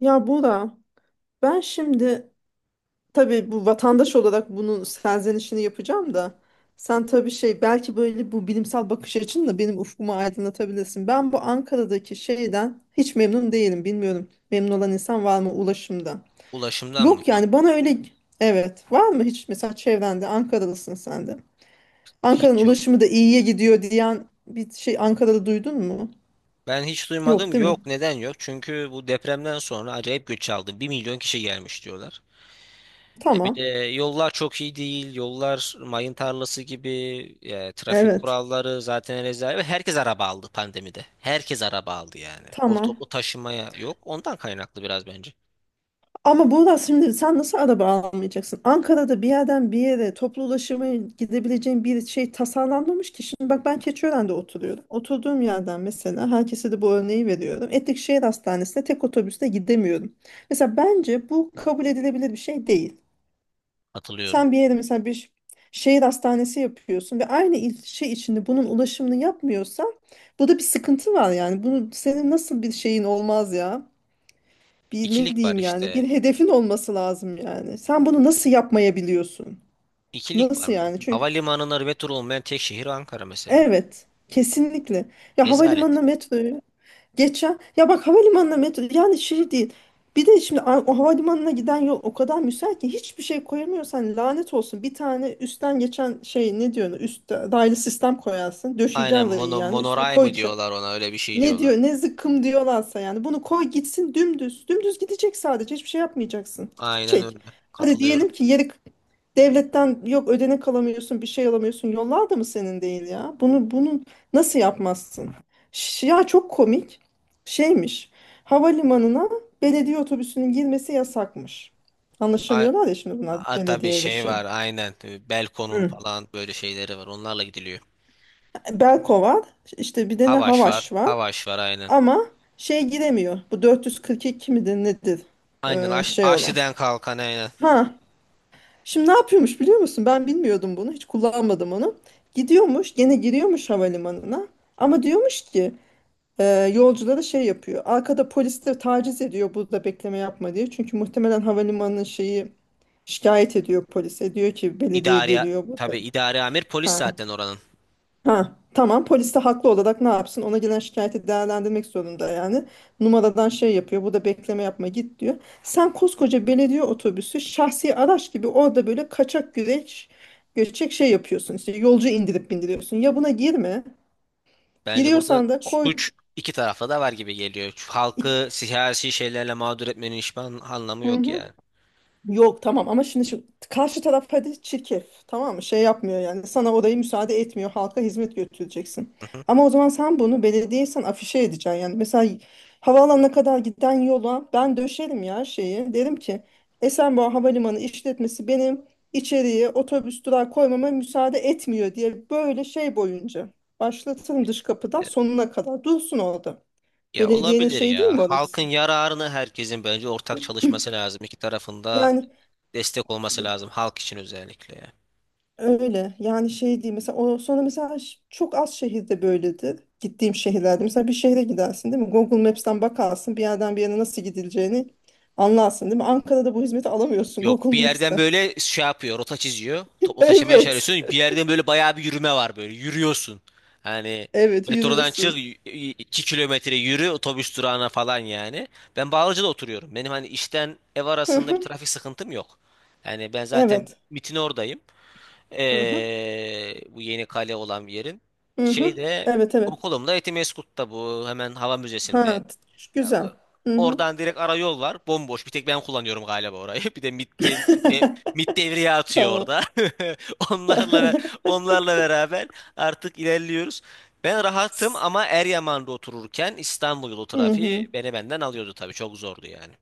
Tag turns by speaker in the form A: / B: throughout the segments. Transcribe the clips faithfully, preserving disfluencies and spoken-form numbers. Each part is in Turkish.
A: Ya Bora, ben şimdi tabii bu vatandaş olarak bunun serzenişini yapacağım da sen tabii şey belki böyle bu bilimsel bakış açınla benim ufkumu aydınlatabilirsin. Ben bu Ankara'daki şeyden hiç memnun değilim. Bilmiyorum, memnun olan insan var mı ulaşımda?
B: Ulaşımdan mı?
A: Yok
B: Yok.
A: yani bana öyle evet, var mı hiç mesela çevrende? Ankaralısın sen de. Ankara'nın
B: Hiç yok.
A: ulaşımı da iyiye gidiyor diyen bir şey Ankara'da duydun mu?
B: Ben hiç
A: Yok
B: duymadım.
A: değil mi?
B: Yok. Neden yok? Çünkü bu depremden sonra acayip göç aldı. Bir milyon kişi gelmiş diyorlar. E bir de
A: Tamam.
B: yollar çok iyi değil. Yollar mayın tarlası gibi. E, trafik
A: Evet.
B: kuralları zaten rezalet. Ve herkes araba aldı pandemide. Herkes araba aldı yani. O
A: Tamam.
B: toplu taşımaya yok. Ondan kaynaklı biraz bence.
A: Ama Buğra şimdi sen nasıl araba almayacaksın? Ankara'da bir yerden bir yere toplu ulaşıma gidebileceğin bir şey tasarlanmamış ki. Şimdi bak ben Keçiören'de oturuyorum. Oturduğum yerden mesela herkese de bu örneği veriyorum. Etlikşehir Hastanesi'ne tek otobüste gidemiyorum. Mesela bence bu kabul edilebilir bir şey değil.
B: Hatırlıyorum.
A: Sen bir yere mesela bir şehir hastanesi yapıyorsun ve aynı ilçe içinde bunun ulaşımını yapmıyorsan burada bir sıkıntı var yani. Bunu senin nasıl bir şeyin olmaz ya? Bir ne
B: İkilik var
A: diyeyim yani,
B: işte.
A: bir hedefin olması lazım yani. Sen bunu nasıl yapmayabiliyorsun?
B: İkilik var
A: Nasıl
B: mı?
A: yani? Çünkü
B: Havalimanına metro olmayan tek şehir Ankara mesela.
A: evet, kesinlikle. Ya
B: Rezalet.
A: havalimanına metroyu, geçen ya bak havalimanına metro yani şey değil. Bir de şimdi a- o havalimanına giden yol o kadar müsait ki hiçbir şey koyamıyorsan lanet olsun. Bir tane üstten geçen şey ne diyorsun? Üst daylı sistem koyarsın.
B: Aynen
A: Döşeyeceksin rayı
B: mono,
A: yani üstüne
B: monoray mı
A: koyacaksın.
B: diyorlar, ona öyle bir şey
A: Ne
B: diyorlar.
A: diyor ne zıkkım diyorlarsa yani bunu koy gitsin dümdüz. Dümdüz gidecek, sadece hiçbir şey yapmayacaksın.
B: Aynen
A: Gidecek.
B: öyle.
A: Hadi
B: Katılıyorum.
A: diyelim ki yeri, devletten yok ödenek alamıyorsun, bir şey alamıyorsun, yollar da mı senin değil ya? Bunu bunu nasıl yapmazsın? Ş- Ya çok komik şeymiş, havalimanına belediye otobüsünün girmesi yasakmış.
B: A,
A: Anlaşamıyorlar ya şimdi bunlar
B: a, tabii
A: belediye ile
B: şey
A: şey.
B: var aynen. Ee, Belko'nun
A: Hı.
B: falan böyle şeyleri var. Onlarla gidiliyor.
A: Beko var, işte bir de ne
B: Havaş var.
A: Havaş var.
B: Havaş var aynen.
A: Ama şey giremiyor. Bu dört yüz kırk iki midir nedir?
B: Aynen
A: Ee,
B: Aş,
A: şey olan.
B: Aşli'den kalkan aynen.
A: Ha. Şimdi ne yapıyormuş biliyor musun? Ben bilmiyordum bunu. Hiç kullanmadım onu. Gidiyormuş, gene giriyormuş havalimanına. Ama diyormuş ki e, yolculara şey yapıyor. Arkada polisler taciz ediyor, burada bekleme yapma diye. Çünkü muhtemelen havalimanının şeyi şikayet ediyor polise. Diyor ki belediye
B: İdari
A: geliyor burada.
B: tabii idari amir polis
A: Ha.
B: zaten oranın.
A: Ha, tamam, polis de haklı olarak ne yapsın? Ona gelen şikayeti değerlendirmek zorunda yani. Numaradan şey yapıyor. Bu da bekleme yapma, git diyor. Sen koskoca belediye otobüsü şahsi araç gibi orada böyle kaçak güreş göçek şey yapıyorsun. İşte yolcu indirip bindiriyorsun. Ya buna girme.
B: Bence burada
A: Giriyorsan da koy.
B: suç iki tarafta da var gibi geliyor. Şu
A: iç-
B: halkı siyasi şeylerle mağdur etmenin hiçbir an- anlamı yok yani.
A: Yok tamam, ama şimdi şu karşı taraf hadi çirkef, tamam mı, şey yapmıyor yani, sana orayı müsaade etmiyor, halka hizmet götüreceksin.
B: Hı hı.
A: Ama o zaman sen bunu belediyesen afişe edeceksin yani, mesela havaalanına kadar giden yola ben döşerim ya, şeyi derim ki Esenboğa Havalimanı işletmesi benim içeriye otobüs durağı koymama müsaade etmiyor diye, böyle şey boyunca başlatırım dış kapıdan
B: E,
A: sonuna kadar, dursun orada.
B: ya
A: Belediyenin
B: olabilir
A: şey değil
B: ya.
A: mi
B: Halkın
A: orası?
B: yararını herkesin bence ortak çalışması lazım. İki tarafında
A: Yani
B: destek olması lazım. Halk için özellikle, ya.
A: öyle yani, şey değil mesela o, sonra mesela ş- çok az şehirde böyledir, gittiğim şehirlerde mesela bir şehre gidersin değil mi, Google Maps'ten bakarsın bir yerden bir yere nasıl gidileceğini anlarsın değil mi? Ankara'da bu hizmeti alamıyorsun
B: Yok,
A: Google
B: bir yerden
A: Maps'ten.
B: böyle şey yapıyor, rota çiziyor. Toplu taşımaya
A: Evet.
B: çağırıyorsun. Bir yerden böyle bayağı bir yürüme var böyle. Yürüyorsun. Hani
A: Evet
B: metrodan çık, y-
A: yürüyorsun.
B: y- iki kilometre yürü otobüs durağına falan yani. Ben Bağlıca'da oturuyorum. Benim hani işten ev
A: Hı
B: arasında bir
A: hı.
B: trafik sıkıntım yok. Yani ben zaten
A: Evet.
B: MIT'in oradayım.
A: Hı hı.
B: Ee, bu yeni kale olan bir yerin.
A: Hı hı.
B: Şeyde,
A: Evet, evet.
B: okulumda Etimesgut'ta, bu hemen hava
A: ha
B: müzesinde.
A: t-
B: Ee,
A: Güzel. Hı hı.
B: Oradan direkt ara yol var. Bomboş. Bir tek ben kullanıyorum galiba orayı. Bir de MIT'in de, MIT devreye atıyor
A: Tamam.
B: orada. Onlarla ve- onlarla beraber artık ilerliyoruz. Ben rahatım ama Eryaman'da otururken İstanbul yolu
A: Hı hı.
B: trafiği beni benden alıyordu tabii. Çok zordu yani.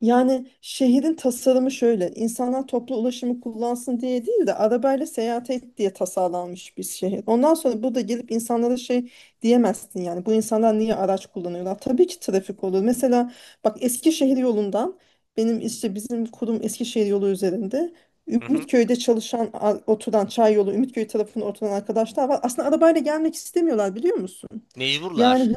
A: Yani şehrin tasarımı şöyle: insanlar toplu ulaşımı kullansın diye değil de arabayla seyahat et diye tasarlanmış bir şehir. Ondan sonra burada gelip insanlara şey diyemezsin yani. Bu insanlar niye araç kullanıyorlar? Tabii ki trafik olur. Mesela bak Eskişehir yolundan, benim işte bizim kurum Eskişehir yolu üzerinde.
B: Hı hı.
A: Ümitköy'de çalışan a- oturan, çay yolu Ümitköy tarafında oturan arkadaşlar var. Aslında arabayla gelmek istemiyorlar, biliyor musun?
B: Mecburlar.
A: Yani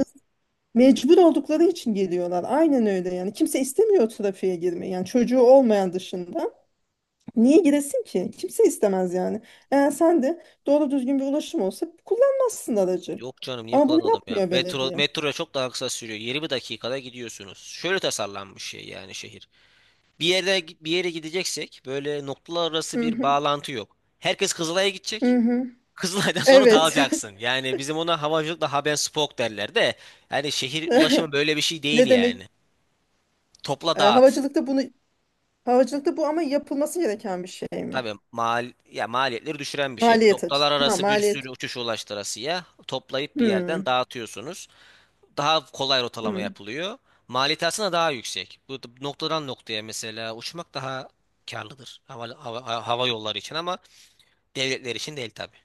A: mecbur oldukları için geliyorlar. Aynen öyle yani. Kimse istemiyor trafiğe girmeyi. Yani çocuğu olmayan dışında. Niye giresin ki? Kimse istemez yani. Eğer sen de doğru düzgün bir ulaşım olsa kullanmazsın aracı.
B: Yok canım, niye
A: Ama bunu
B: kullanalım ya?
A: yapmıyor
B: Metro,
A: belediye.
B: metroya çok daha kısa sürüyor. yirmi dakikada gidiyorsunuz. Şöyle tasarlanmış şey, yani şehir. Bir yere bir yere gideceksek böyle noktalar arası
A: Hı
B: bir
A: hı.
B: bağlantı yok. Herkes Kızılay'a
A: Hı
B: gidecek.
A: hı.
B: Kızılay'dan sonra
A: Evet.
B: dağılacaksın. Yani bizim ona havacılıkla Habenspoke derler de, yani şehir ulaşımı böyle bir şey değil
A: Ne demek?
B: yani. Topla
A: Ee,
B: dağıt.
A: havacılıkta bunu, havacılıkta bu ama yapılması gereken bir şey mi?
B: Tabii mal ya, maliyetleri düşüren bir şey.
A: Maliyet açısı.
B: Noktalar
A: Ha,
B: arası bir sürü
A: maliyet.
B: uçuş, ulaştırasıya toplayıp bir yerden
A: Hmm.
B: dağıtıyorsunuz. Daha kolay rotalama
A: Hmm.
B: yapılıyor. Maliyeti aslında daha yüksek. Bu noktadan noktaya mesela uçmak daha karlıdır hava, hava, hava yolları için ama devletler için değil tabii.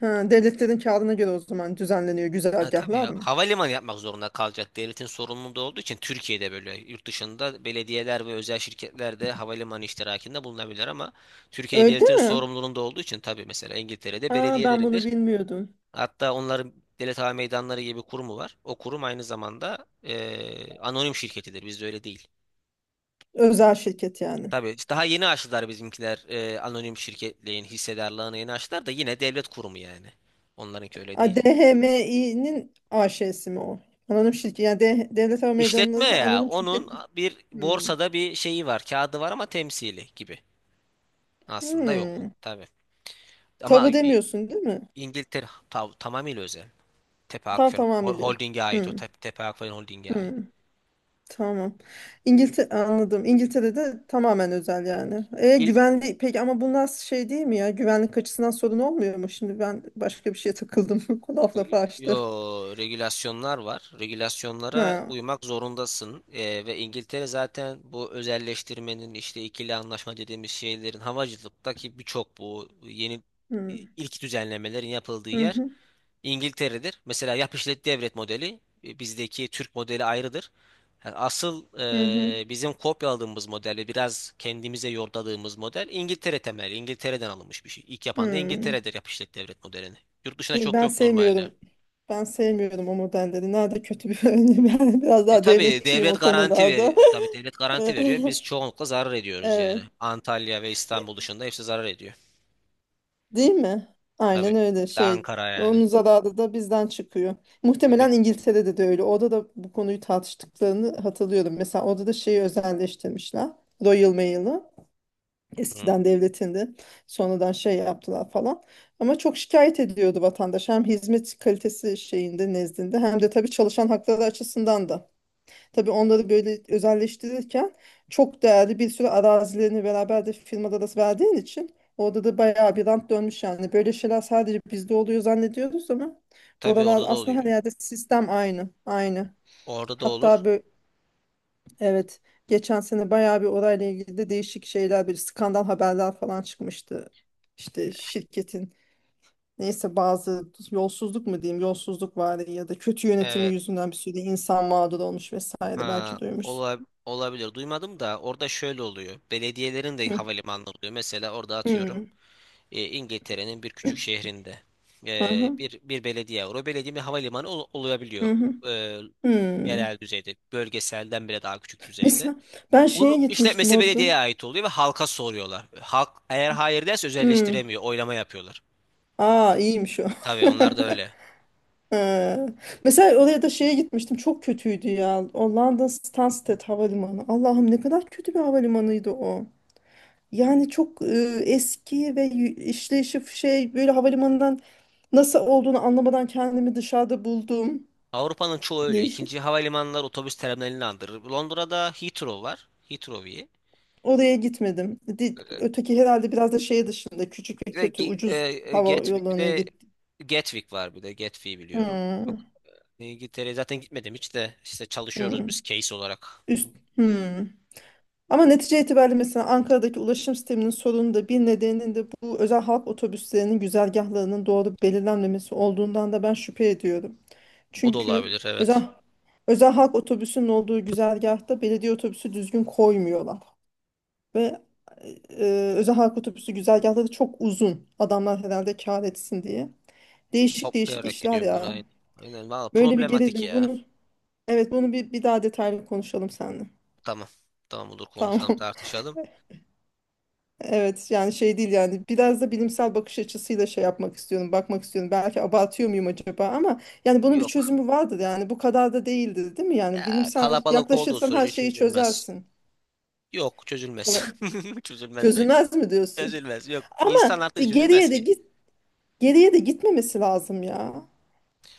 A: Ha, devletlerin kârına göre o zaman düzenleniyor
B: Ha, tabii
A: güzergahlar
B: ya.
A: mı?
B: Havalimanı yapmak zorunda kalacak. Devletin sorumluluğu olduğu için Türkiye'de, böyle, yurt dışında belediyeler ve özel şirketler de havalimanı iştirakinde bulunabilir ama Türkiye
A: Öyle
B: devletin
A: mi?
B: sorumluluğunda olduğu için, tabii, mesela İngiltere'de
A: Aa, ben bunu
B: belediyeleridir.
A: bilmiyordum.
B: Hatta onların devlet hava meydanları gibi kurumu var. O kurum aynı zamanda eee, anonim şirketidir. Bizde öyle değil.
A: Özel şirket yani.
B: Tabii işte daha yeni açtılar bizimkiler, eee, anonim şirketliğin hissedarlığını yeni açtılar da yine devlet kurumu yani. Onlarınki öyle
A: A,
B: değil.
A: DHMİ'nin AŞ'si mi o? Anonim şirket. Yani D- Devlet Hava
B: İşletme
A: Meydanı'nın
B: ya.
A: anonim
B: Onun
A: şirketi.
B: bir
A: Hmm.
B: borsada bir şeyi var. Kağıdı var ama temsili gibi. Aslında yok.
A: Hmm.
B: Tabii. Ama
A: Tabu
B: İ-
A: demiyorsun değil mi?
B: İngiltere ta- tamamıyla özel. Tepe
A: Tam
B: Akfen
A: tamam
B: Hol-
A: biliyorum.
B: Holding'e ait o.
A: Hmm.
B: Tep- Tepe Akfen Holding'e ait.
A: Hmm. Tamam. İngiltere anladım. İngiltere'de tamamen özel yani. E,
B: İlk
A: güvenli peki ama bu nasıl şey değil mi ya? Güvenlik açısından sorun olmuyor mu? Şimdi ben başka bir şeye takıldım. Laf lafı açtı.
B: Yo, regülasyonlar var. Regülasyonlara
A: Ha.
B: uymak zorundasın. Ee, ve İngiltere zaten bu özelleştirmenin, işte ikili anlaşma dediğimiz şeylerin, havacılıktaki birçok bu yeni
A: Hmm.
B: ilk düzenlemelerin yapıldığı
A: Hı
B: yer
A: hı.
B: İngiltere'dir. Mesela yap işlet devret modeli, e, bizdeki Türk modeli ayrıdır. Yani asıl,
A: Hı hı.
B: e, bizim kopyaladığımız model ve biraz kendimize yordadığımız model İngiltere temelli. İngiltere'den alınmış bir şey. İlk yapan da
A: Hı.
B: İngiltere'dir yap işlet devret modelini. Yurt dışına
A: E,
B: çok
A: ben
B: yok normalde.
A: sevmiyorum. Ben sevmiyorum o modelleri. Nerede kötü bir örneği? Ben biraz
B: E,
A: daha
B: tabii
A: devletçiyim
B: devlet
A: o
B: garanti
A: konularda.
B: veriyor. Tabii devlet garanti veriyor. Biz çoğunlukla zarar ediyoruz yani.
A: Evet.
B: Antalya ve İstanbul dışında hepsi zarar ediyor.
A: Değil mi?
B: Tabii.
A: Aynen öyle
B: Bir de
A: şey.
B: Ankara yani.
A: Onun zararı da bizden çıkıyor.
B: Tabii.
A: Muhtemelen İngiltere'de de öyle. Orada da bu konuyu tartıştıklarını hatırlıyorum. Mesela orada da şeyi özelleştirmişler. Royal Mail'ı.
B: Hı.
A: Eskiden devletinde. Sonradan şey yaptılar falan. Ama çok şikayet ediyordu vatandaş. Hem hizmet kalitesi şeyinde nezdinde, hem de tabii çalışan hakları açısından da. Tabii onları böyle özelleştirirken çok değerli bir sürü arazilerini beraber de firmada da verdiğin için orada da bayağı bir rant dönmüş yani. Böyle şeyler sadece bizde oluyor zannediyoruz ama
B: Tabii
A: oralar
B: orada da
A: aslında, her
B: oluyor.
A: yerde sistem aynı, aynı.
B: Orada da olur.
A: Hatta böyle, evet, geçen sene bayağı bir orayla ilgili de değişik şeyler, bir skandal haberler falan çıkmıştı. İşte şirketin, neyse, bazı yolsuzluk mu diyeyim, yolsuzluk var ya da kötü yönetimi
B: Evet.
A: yüzünden bir sürü insan mağdur olmuş vesaire,
B: Ha,
A: belki duymuşsun.
B: ola- olabilir. Duymadım da, orada şöyle oluyor. Belediyelerin de havalimanı oluyor. Mesela orada atıyorum,
A: Hmm.
B: e, İngiltere'nin bir küçük şehrinde, e,
A: Aha,
B: bir bir belediye var. O belediye bir havalimanı ol-
A: hı
B: olabiliyor.
A: hı. Hı.
B: E, Yerel
A: Hmm.
B: düzeyde, bölgeselden bile daha küçük düzeyde.
A: Mesela ben şeye
B: Onu
A: gitmiştim
B: işletmesi
A: orada.
B: belediyeye ait oluyor ve halka soruyorlar. Halk eğer hayır derse
A: Hmm.
B: özelleştiremiyor. Oylama yapıyorlar.
A: Aa, iyiymiş o.
B: Tabii, onlar da öyle.
A: Ee, Mesela oraya da şeye gitmiştim. Çok kötüydü ya. O London Stansted Havalimanı. Allah'ım, ne kadar kötü bir havalimanıydı o. Yani çok e, eski ve y- işleyişi şey, böyle havalimanından nasıl olduğunu anlamadan kendimi dışarıda buldum.
B: Avrupa'nın çoğu öyle.
A: Değişik.
B: İkinci havalimanları otobüs terminalini andırır. Londra'da Heathrow var. Heathrow. İyi.
A: Oraya gitmedim. Di- Öteki herhalde biraz da şey dışında küçük ve
B: Ve
A: kötü
B: Gi- e,
A: ucuz
B: e,
A: hava
B: Gatwick, bir
A: yollarının
B: de
A: gitti.
B: Gatwick var, bir de Gatwick'i biliyorum.
A: Hmm,
B: Yok, İngiltere'ye zaten gitmedim hiç de, işte çalışıyoruz
A: hmm,
B: biz case olarak.
A: üst, hmm. Ama netice itibariyle mesela Ankara'daki ulaşım sisteminin sorunu da, bir nedeninin de bu özel halk otobüslerinin güzergahlarının doğru belirlenmemesi olduğundan da ben şüphe ediyorum.
B: O da
A: Çünkü
B: olabilir,
A: özel
B: evet.
A: özel halk otobüsünün olduğu güzergahta belediye otobüsü düzgün koymuyorlar. Ve e, e, özel halk otobüsü güzergahları çok uzun. Adamlar herhalde kâr etsin diye. Değişik değişik
B: Toplayarak
A: işler
B: gidiyorlar
A: ya.
B: aynen. Aynen, valla
A: Böyle bir
B: problematik
A: gelelim
B: ya.
A: bunu. Evet, bunu bir, bir daha detaylı konuşalım seninle.
B: Tamam. Tamam, olur,
A: Tamam.
B: konuşalım, tartışalım.
A: Evet yani şey değil yani, biraz da bilimsel bakış açısıyla şey yapmak istiyorum, bakmak istiyorum. Belki abartıyor muyum acaba, ama yani bunun bir
B: Yok
A: çözümü vardır yani, bu kadar da değildir değil mi? Yani
B: ya,
A: bilimsel
B: kalabalık olduğu
A: yaklaşırsan her
B: sürece
A: şeyi
B: çözülmez.
A: çözersin.
B: Yok, çözülmez.
A: Kala-
B: Çözülmez belki.
A: Çözülmez mi diyorsun?
B: Çözülmez, yok.
A: Ama
B: İnsan
A: bir
B: hakları çözülmez
A: geriye de
B: ki.
A: git, geriye de gitmemesi lazım ya.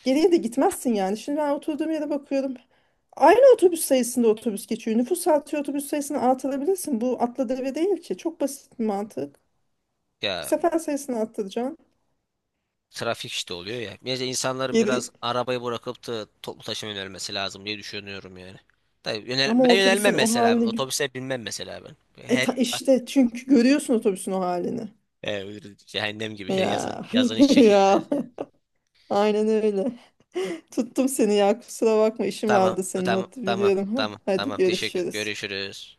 A: Geriye de gitmezsin yani. Şimdi ben oturduğum yere bakıyorum. Aynı otobüs sayısında otobüs geçiyor. Nüfus artıyor, otobüs sayısını artırabilirsin. Bu atla deve değil ki. Çok basit bir mantık.
B: Ya,
A: Sefer sayısını arttıracaksın.
B: trafik işte oluyor ya. Bence insanların biraz
A: Geri
B: arabayı bırakıp da toplu taşıma yönelmesi lazım diye düşünüyorum yani. Tabii yönel,
A: ama o
B: ben
A: otobüsün
B: yönelmem
A: o
B: mesela.
A: halini,
B: Otobüse binmem mesela ben.
A: e
B: Her
A: ta- işte çünkü görüyorsun otobüsün o halini.
B: e, cehennem gibi, hele yazın,
A: Ya
B: yazın hiç
A: ya
B: çekilmez yani.
A: aynen öyle. Tuttum seni ya, kusura bakma, işim
B: Tamam,
A: vardı senin,
B: tamam, tamam,
A: hatırlıyorum.
B: tamam,
A: Hadi
B: tamam. Teşekkür.
A: görüşürüz.
B: Görüşürüz.